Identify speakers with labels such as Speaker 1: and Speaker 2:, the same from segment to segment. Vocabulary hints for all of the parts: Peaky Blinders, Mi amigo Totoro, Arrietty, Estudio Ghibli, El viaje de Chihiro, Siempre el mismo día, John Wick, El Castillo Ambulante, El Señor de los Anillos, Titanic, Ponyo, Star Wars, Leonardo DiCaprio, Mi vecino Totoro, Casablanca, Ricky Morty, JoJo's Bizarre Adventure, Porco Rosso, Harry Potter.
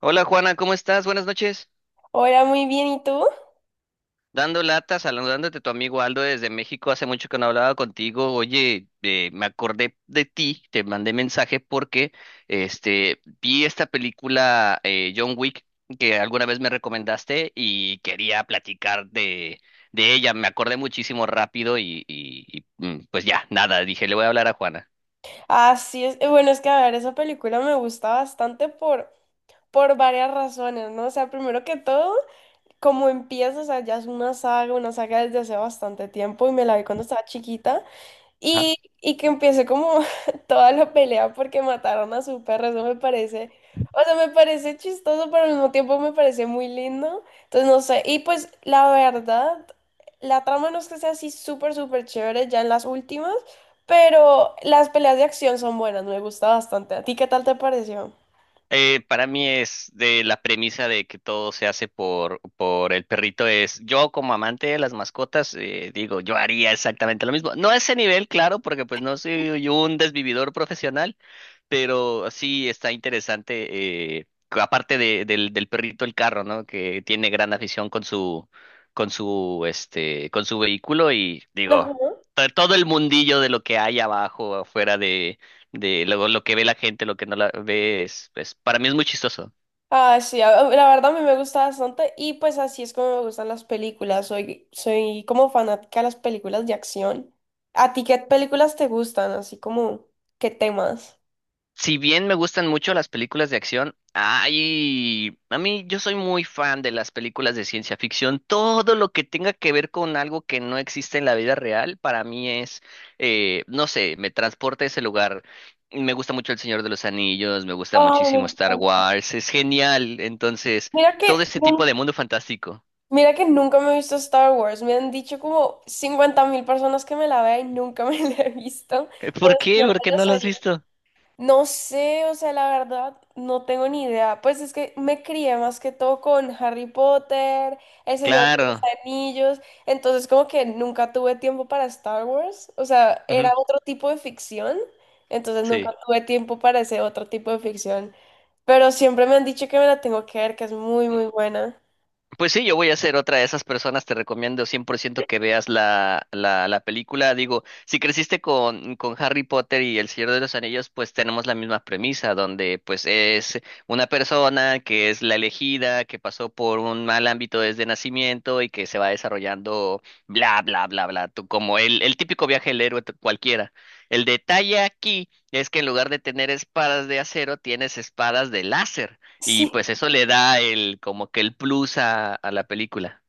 Speaker 1: Hola, Juana, ¿cómo estás? Buenas noches.
Speaker 2: Hola, muy bien, ¿y tú?
Speaker 1: Dando lata, saludándote tu amigo Aldo desde México. Hace mucho que no hablaba contigo. Oye, me acordé de ti, te mandé mensaje porque vi esta película, John Wick, que alguna vez me recomendaste y quería platicar de ella. Me acordé muchísimo rápido y pues ya, nada, dije, le voy a hablar a Juana.
Speaker 2: Así es, bueno, es que a ver, esa película me gusta bastante por varias razones, ¿no? O sea, primero que todo, como empieza, o sea, ya es una saga desde hace bastante tiempo y me la vi cuando estaba chiquita. Y que empiece como toda la pelea porque mataron a su perro, eso me parece, o sea, me parece chistoso, pero al mismo tiempo me parece muy lindo. Entonces, no sé, y pues la verdad, la trama no es que sea así súper, súper chévere ya en las últimas, pero las peleas de acción son buenas, me gusta bastante. ¿A ti qué tal te pareció?
Speaker 1: Para mí es de la premisa de que todo se hace por el perrito. Es, yo como amante de las mascotas, digo, yo haría exactamente lo mismo. No a ese nivel, claro, porque pues no soy un desvividor profesional, pero sí está interesante, que aparte del perrito, el carro, ¿no? Que tiene gran afición con su con su vehículo y digo, todo el mundillo de lo que hay abajo, afuera de lo que ve la gente, lo que no la ve, para mí es muy chistoso.
Speaker 2: Ah, sí, la verdad a mí me gusta bastante y pues así es como me gustan las películas. Soy como fanática de las películas de acción. ¿A ti qué películas te gustan? Así como, ¿qué temas?
Speaker 1: Si bien me gustan mucho las películas de acción, ay, a mí, yo soy muy fan de las películas de ciencia ficción. Todo lo que tenga que ver con algo que no existe en la vida real, para mí es, no sé, me transporta a ese lugar. Me gusta mucho El Señor de los Anillos, me gusta
Speaker 2: Ay, me
Speaker 1: muchísimo Star
Speaker 2: encanta.
Speaker 1: Wars, es genial. Entonces,
Speaker 2: Mira que,
Speaker 1: todo ese
Speaker 2: nun-
Speaker 1: tipo de mundo fantástico.
Speaker 2: Mira que nunca me he visto Star Wars. Me han dicho como 50 mil personas que me la vea y nunca me la he visto. Pero
Speaker 1: ¿Por
Speaker 2: el
Speaker 1: qué?
Speaker 2: Señor
Speaker 1: ¿Por
Speaker 2: de
Speaker 1: qué no
Speaker 2: los
Speaker 1: lo has
Speaker 2: Anillos.
Speaker 1: visto?
Speaker 2: No sé, o sea, la verdad, no tengo ni idea. Pues es que me crié más que todo con Harry Potter, El Señor de los
Speaker 1: Claro.
Speaker 2: Anillos, entonces como que nunca tuve tiempo para Star Wars, o sea,
Speaker 1: Ujú.
Speaker 2: era otro tipo de ficción, entonces nunca
Speaker 1: Sí.
Speaker 2: tuve tiempo para ese otro tipo de ficción, pero siempre me han dicho que me la tengo que ver, que es muy, muy buena.
Speaker 1: Pues sí, yo voy a ser otra de esas personas, te recomiendo 100% que veas la película. Digo, si creciste con Harry Potter y El Señor de los Anillos, pues tenemos la misma premisa, donde pues es una persona que es la elegida, que pasó por un mal ámbito desde nacimiento y que se va desarrollando bla, bla, bla, bla, tú, como el típico viaje del héroe, cualquiera. El detalle aquí es que en lugar de tener espadas de acero, tienes espadas de láser. Y
Speaker 2: Sí.
Speaker 1: pues eso le da el, como que el plus a la película.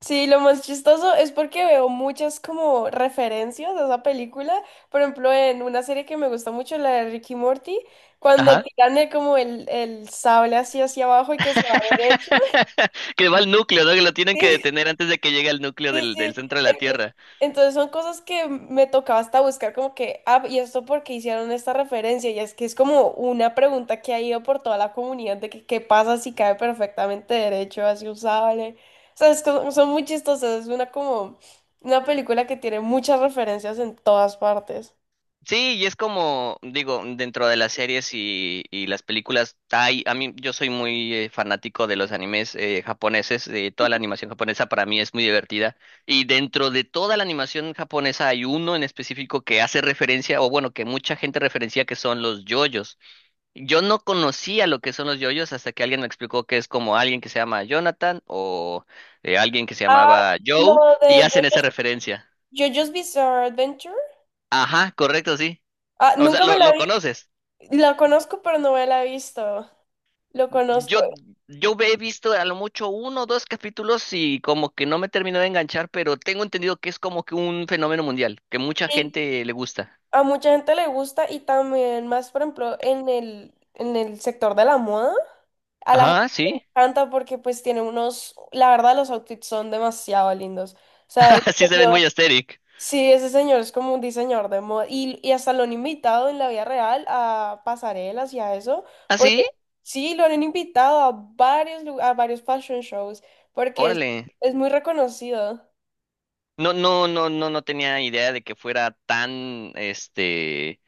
Speaker 2: Sí, lo más chistoso es porque veo muchas como referencias a esa película. Por ejemplo, en una serie que me gusta mucho, la de Ricky Morty, cuando
Speaker 1: Ajá.
Speaker 2: tiran el sable así hacia abajo y que se va derecho.
Speaker 1: Que va al núcleo, ¿no? Que lo tienen que detener antes de que llegue al núcleo
Speaker 2: Sí,
Speaker 1: del
Speaker 2: sí.
Speaker 1: centro de la
Speaker 2: Entonces,
Speaker 1: Tierra.
Speaker 2: entonces son cosas que me tocaba hasta buscar como que, ah, y esto porque hicieron esta referencia, y es que es como una pregunta que ha ido por toda la comunidad de que qué pasa si cae perfectamente derecho, así usable. O sea, es como son muy chistosas, es una como una película que tiene muchas referencias en todas partes.
Speaker 1: Sí, y es como, digo, dentro de las series y las películas, hay, a mí, yo soy muy fanático de los animes, japoneses, de toda la animación japonesa, para mí es muy divertida. Y dentro de toda la animación japonesa hay uno en específico que hace referencia, o bueno, que mucha gente referencia, que son los yoyos. Yo no conocía lo que son los yoyos hasta que alguien me explicó que es como alguien que se llama Jonathan o alguien que se
Speaker 2: Ah,
Speaker 1: llamaba Joe,
Speaker 2: lo
Speaker 1: y
Speaker 2: de
Speaker 1: hacen
Speaker 2: Jo-
Speaker 1: esa referencia.
Speaker 2: JoJo's Bizarre Adventure.
Speaker 1: Ajá, correcto, sí.
Speaker 2: Ah,
Speaker 1: O sea,
Speaker 2: nunca me la
Speaker 1: lo
Speaker 2: vi.
Speaker 1: conoces.
Speaker 2: La conozco, pero no me la he visto. Lo conozco.
Speaker 1: Yo, yo he visto a lo mucho uno o dos capítulos y como que no me terminó de enganchar, pero tengo entendido que es como que un fenómeno mundial, que mucha gente le gusta.
Speaker 2: A mucha gente le gusta y también más, por ejemplo, en el sector de la moda, a la gente
Speaker 1: Ajá,
Speaker 2: le
Speaker 1: sí.
Speaker 2: encanta porque pues tiene unos, la verdad los outfits son demasiado lindos. O sea, ese
Speaker 1: Sí se ven
Speaker 2: señor,
Speaker 1: muy asteric.
Speaker 2: sí, ese señor es como un diseñador de moda y hasta lo han invitado en la vida real a pasarelas y a eso,
Speaker 1: ¿Ah,
Speaker 2: porque
Speaker 1: sí?
Speaker 2: sí, lo han invitado a varios, a varios fashion shows porque
Speaker 1: Órale.
Speaker 2: es muy reconocido.
Speaker 1: No, no, no, no, no tenía idea de que fuera tan,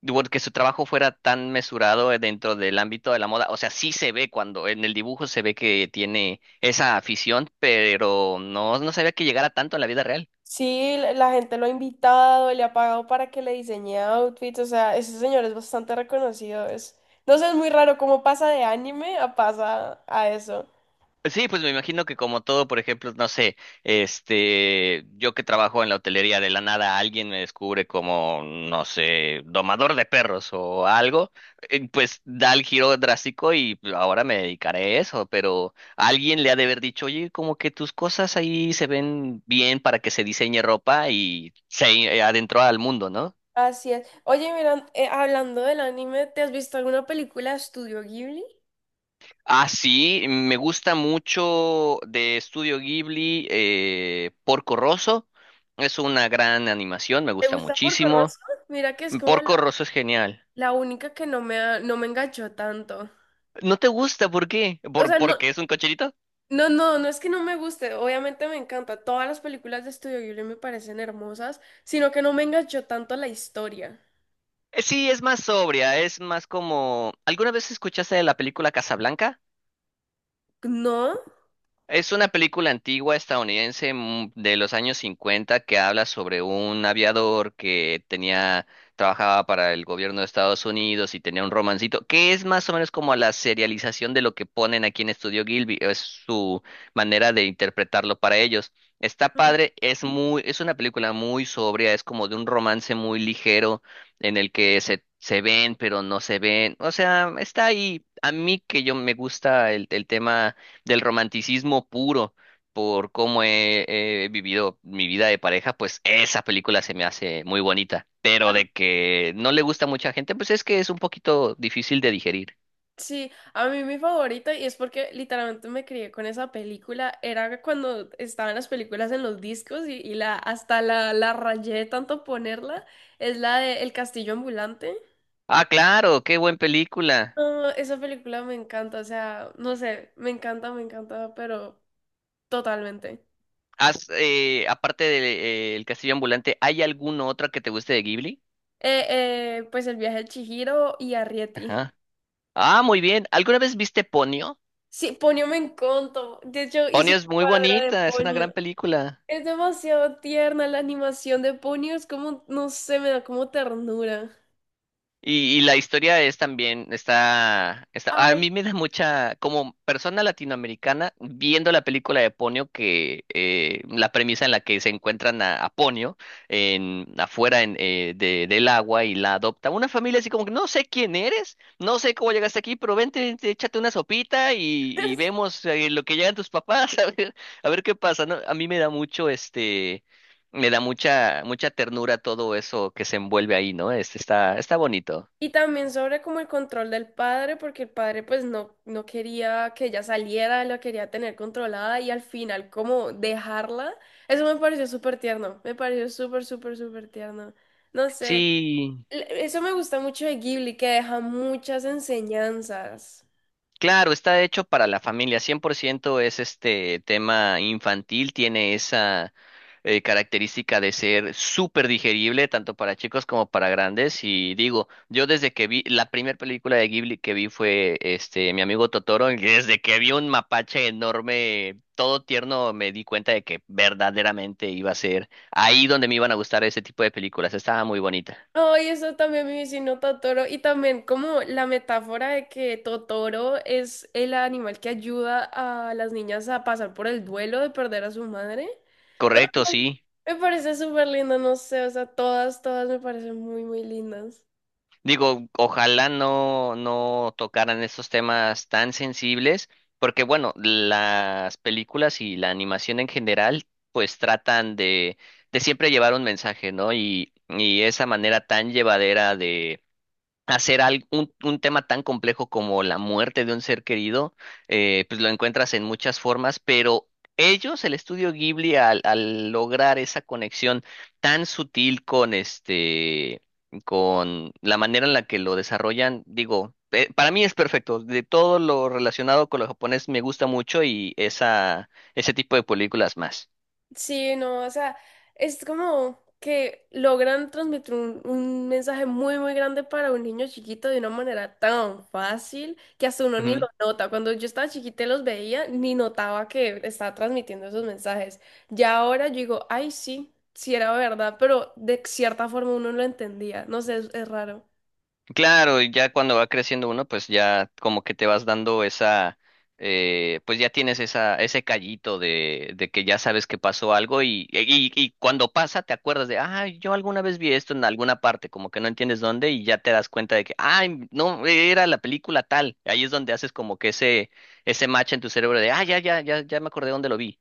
Speaker 1: digo, que su trabajo fuera tan mesurado, dentro del ámbito de la moda. O sea, sí se ve cuando en el dibujo se ve que tiene esa afición, pero no, no sabía que llegara tanto en la vida real.
Speaker 2: Sí, la la gente lo ha invitado, le ha pagado para que le diseñe outfits, o sea, ese señor es bastante reconocido. Es... No sé, es muy raro cómo pasa de anime a pasa a eso.
Speaker 1: Sí, pues me imagino que como todo, por ejemplo, no sé, yo que trabajo en la hotelería, de la nada alguien me descubre como, no sé, domador de perros o algo, pues da el giro drástico y ahora me dedicaré a eso, pero alguien le ha de haber dicho, oye, como que tus cosas ahí se ven bien para que se diseñe ropa y se adentró al mundo, ¿no?
Speaker 2: Así es. Oye, mira, hablando del anime, ¿te has visto alguna película de Estudio Ghibli?
Speaker 1: Ah, sí, me gusta mucho de Estudio Ghibli, Porco Rosso. Es una gran animación, me
Speaker 2: ¿Te
Speaker 1: gusta
Speaker 2: gusta Porco
Speaker 1: muchísimo.
Speaker 2: Rosso? Mira que es como
Speaker 1: Porco
Speaker 2: la,
Speaker 1: Rosso es genial.
Speaker 2: la única que no me, no me enganchó tanto.
Speaker 1: ¿No te gusta? ¿Por qué?
Speaker 2: O
Speaker 1: ¿Por,
Speaker 2: sea, no,
Speaker 1: porque es un cocherito?
Speaker 2: no, no, no es que no me guste, obviamente me encanta. Todas las películas de Estudio Ghibli me parecen hermosas, sino que no me enganchó tanto la historia.
Speaker 1: Sí, es más sobria, es más como… ¿Alguna vez escuchaste de la película Casablanca?
Speaker 2: ¿No?
Speaker 1: Es una película antigua estadounidense, de los años cincuenta, que habla sobre un aviador que tenía, trabajaba para el gobierno de Estados Unidos y tenía un romancito, que es más o menos como la serialización de lo que ponen aquí en Estudio Gilby, es su manera de interpretarlo para ellos. Está padre, es muy, es una película muy sobria, es como de un romance muy ligero en el que se ven pero no se ven. O sea, está ahí. A mí, que yo me gusta el tema del romanticismo puro por cómo he vivido mi vida de pareja, pues esa película se me hace muy bonita. Pero de que no le gusta a mucha gente, pues es que es un poquito difícil de digerir.
Speaker 2: Sí, a mí mi favorito, y es porque literalmente me crié con esa película, era cuando estaban las películas en los discos y la, hasta la, la rayé de tanto ponerla, es la de El Castillo Ambulante.
Speaker 1: Ah, claro, qué buena película.
Speaker 2: No, esa película me encanta, o sea, no sé, me encanta, pero totalmente.
Speaker 1: Has, aparte de El Castillo Ambulante, ¿hay alguna otra que te guste de Ghibli?
Speaker 2: Pues el viaje de Chihiro y Arrietty.
Speaker 1: Ajá. Ah, muy bien. ¿Alguna vez viste Ponyo?
Speaker 2: Sí, Ponyo me encantó. De hecho, hice
Speaker 1: Ponyo es
Speaker 2: un
Speaker 1: muy
Speaker 2: cuadro de
Speaker 1: bonita, es una gran
Speaker 2: Ponyo.
Speaker 1: película.
Speaker 2: Es demasiado tierna la animación de Ponyo, es como, no sé, me da como ternura.
Speaker 1: Y la historia es también, está, a
Speaker 2: Ay,
Speaker 1: mí me da mucha, como persona latinoamericana, viendo la película de Ponio, que, la premisa en la que se encuentran a Ponio en, afuera en, del agua, y la adopta una familia así como que, no sé quién eres, no sé cómo llegaste aquí, pero vente, vente, échate una sopita, y vemos, lo que llegan tus papás, a ver qué pasa, ¿no? A mí me da mucho este… Me da mucha, mucha ternura todo eso que se envuelve ahí, ¿no? Este está, está bonito.
Speaker 2: y también sobre como el control del padre, porque el padre pues no, no quería que ella saliera, la quería tener controlada y al final como dejarla, eso me pareció súper tierno, me pareció súper, súper, súper tierno. No sé,
Speaker 1: Sí,
Speaker 2: eso me gusta mucho de Ghibli, que deja muchas enseñanzas.
Speaker 1: claro, está hecho para la familia, 100% es este tema infantil, tiene esa característica de ser súper digerible, tanto para chicos como para grandes, y digo, yo desde que vi, la primera película de Ghibli que vi fue Mi amigo Totoro, y desde que vi un mapache enorme, todo tierno, me di cuenta de que verdaderamente iba a ser ahí donde me iban a gustar ese tipo de películas, estaba muy bonita.
Speaker 2: Ay, eso también mi vecino Totoro. Y también como la metáfora de que Totoro es el animal que ayuda a las niñas a pasar por el duelo de perder a su madre. O sea,
Speaker 1: Correcto, sí.
Speaker 2: me parece súper lindo, no sé, o sea, todas, todas me parecen muy, muy lindas.
Speaker 1: Digo, ojalá no tocaran estos temas tan sensibles, porque bueno, las películas y la animación en general pues tratan de siempre llevar un mensaje, ¿no? Y esa manera tan llevadera hacer un tema tan complejo como la muerte de un ser querido, pues lo encuentras en muchas formas, pero ellos, el Estudio Ghibli, al lograr esa conexión tan sutil con con la manera en la que lo desarrollan, digo, para mí es perfecto. De todo lo relacionado con lo japonés me gusta mucho, y esa, ese tipo de películas más.
Speaker 2: Sí, no, o sea, es como que logran transmitir un mensaje muy, muy grande para un niño chiquito de una manera tan fácil que hasta uno ni lo nota. Cuando yo estaba chiquita y los veía, ni notaba que estaba transmitiendo esos mensajes. Ya ahora yo digo, ay, sí, sí era verdad, pero de cierta forma uno lo entendía. No sé, es raro.
Speaker 1: Claro, y ya cuando va creciendo uno, pues ya como que te vas dando esa, pues ya tienes esa, ese callito de que ya sabes que pasó algo, y cuando pasa te acuerdas de, ah, yo alguna vez vi esto en alguna parte, como que no entiendes dónde y ya te das cuenta de que, ay, no, era la película tal. Ahí es donde haces como que ese match en tu cerebro de, ah, ya, ya, ya, ya me acordé dónde lo vi.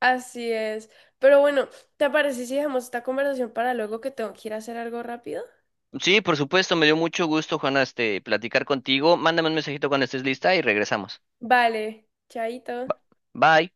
Speaker 2: Así es. Pero bueno, ¿te parece si dejamos esta conversación para luego que tengo que ir a hacer algo rápido?
Speaker 1: Sí, por supuesto, me dio mucho gusto, Juana, platicar contigo. Mándame un mensajito cuando estés lista y regresamos.
Speaker 2: Vale, chaito.
Speaker 1: Ba- Bye.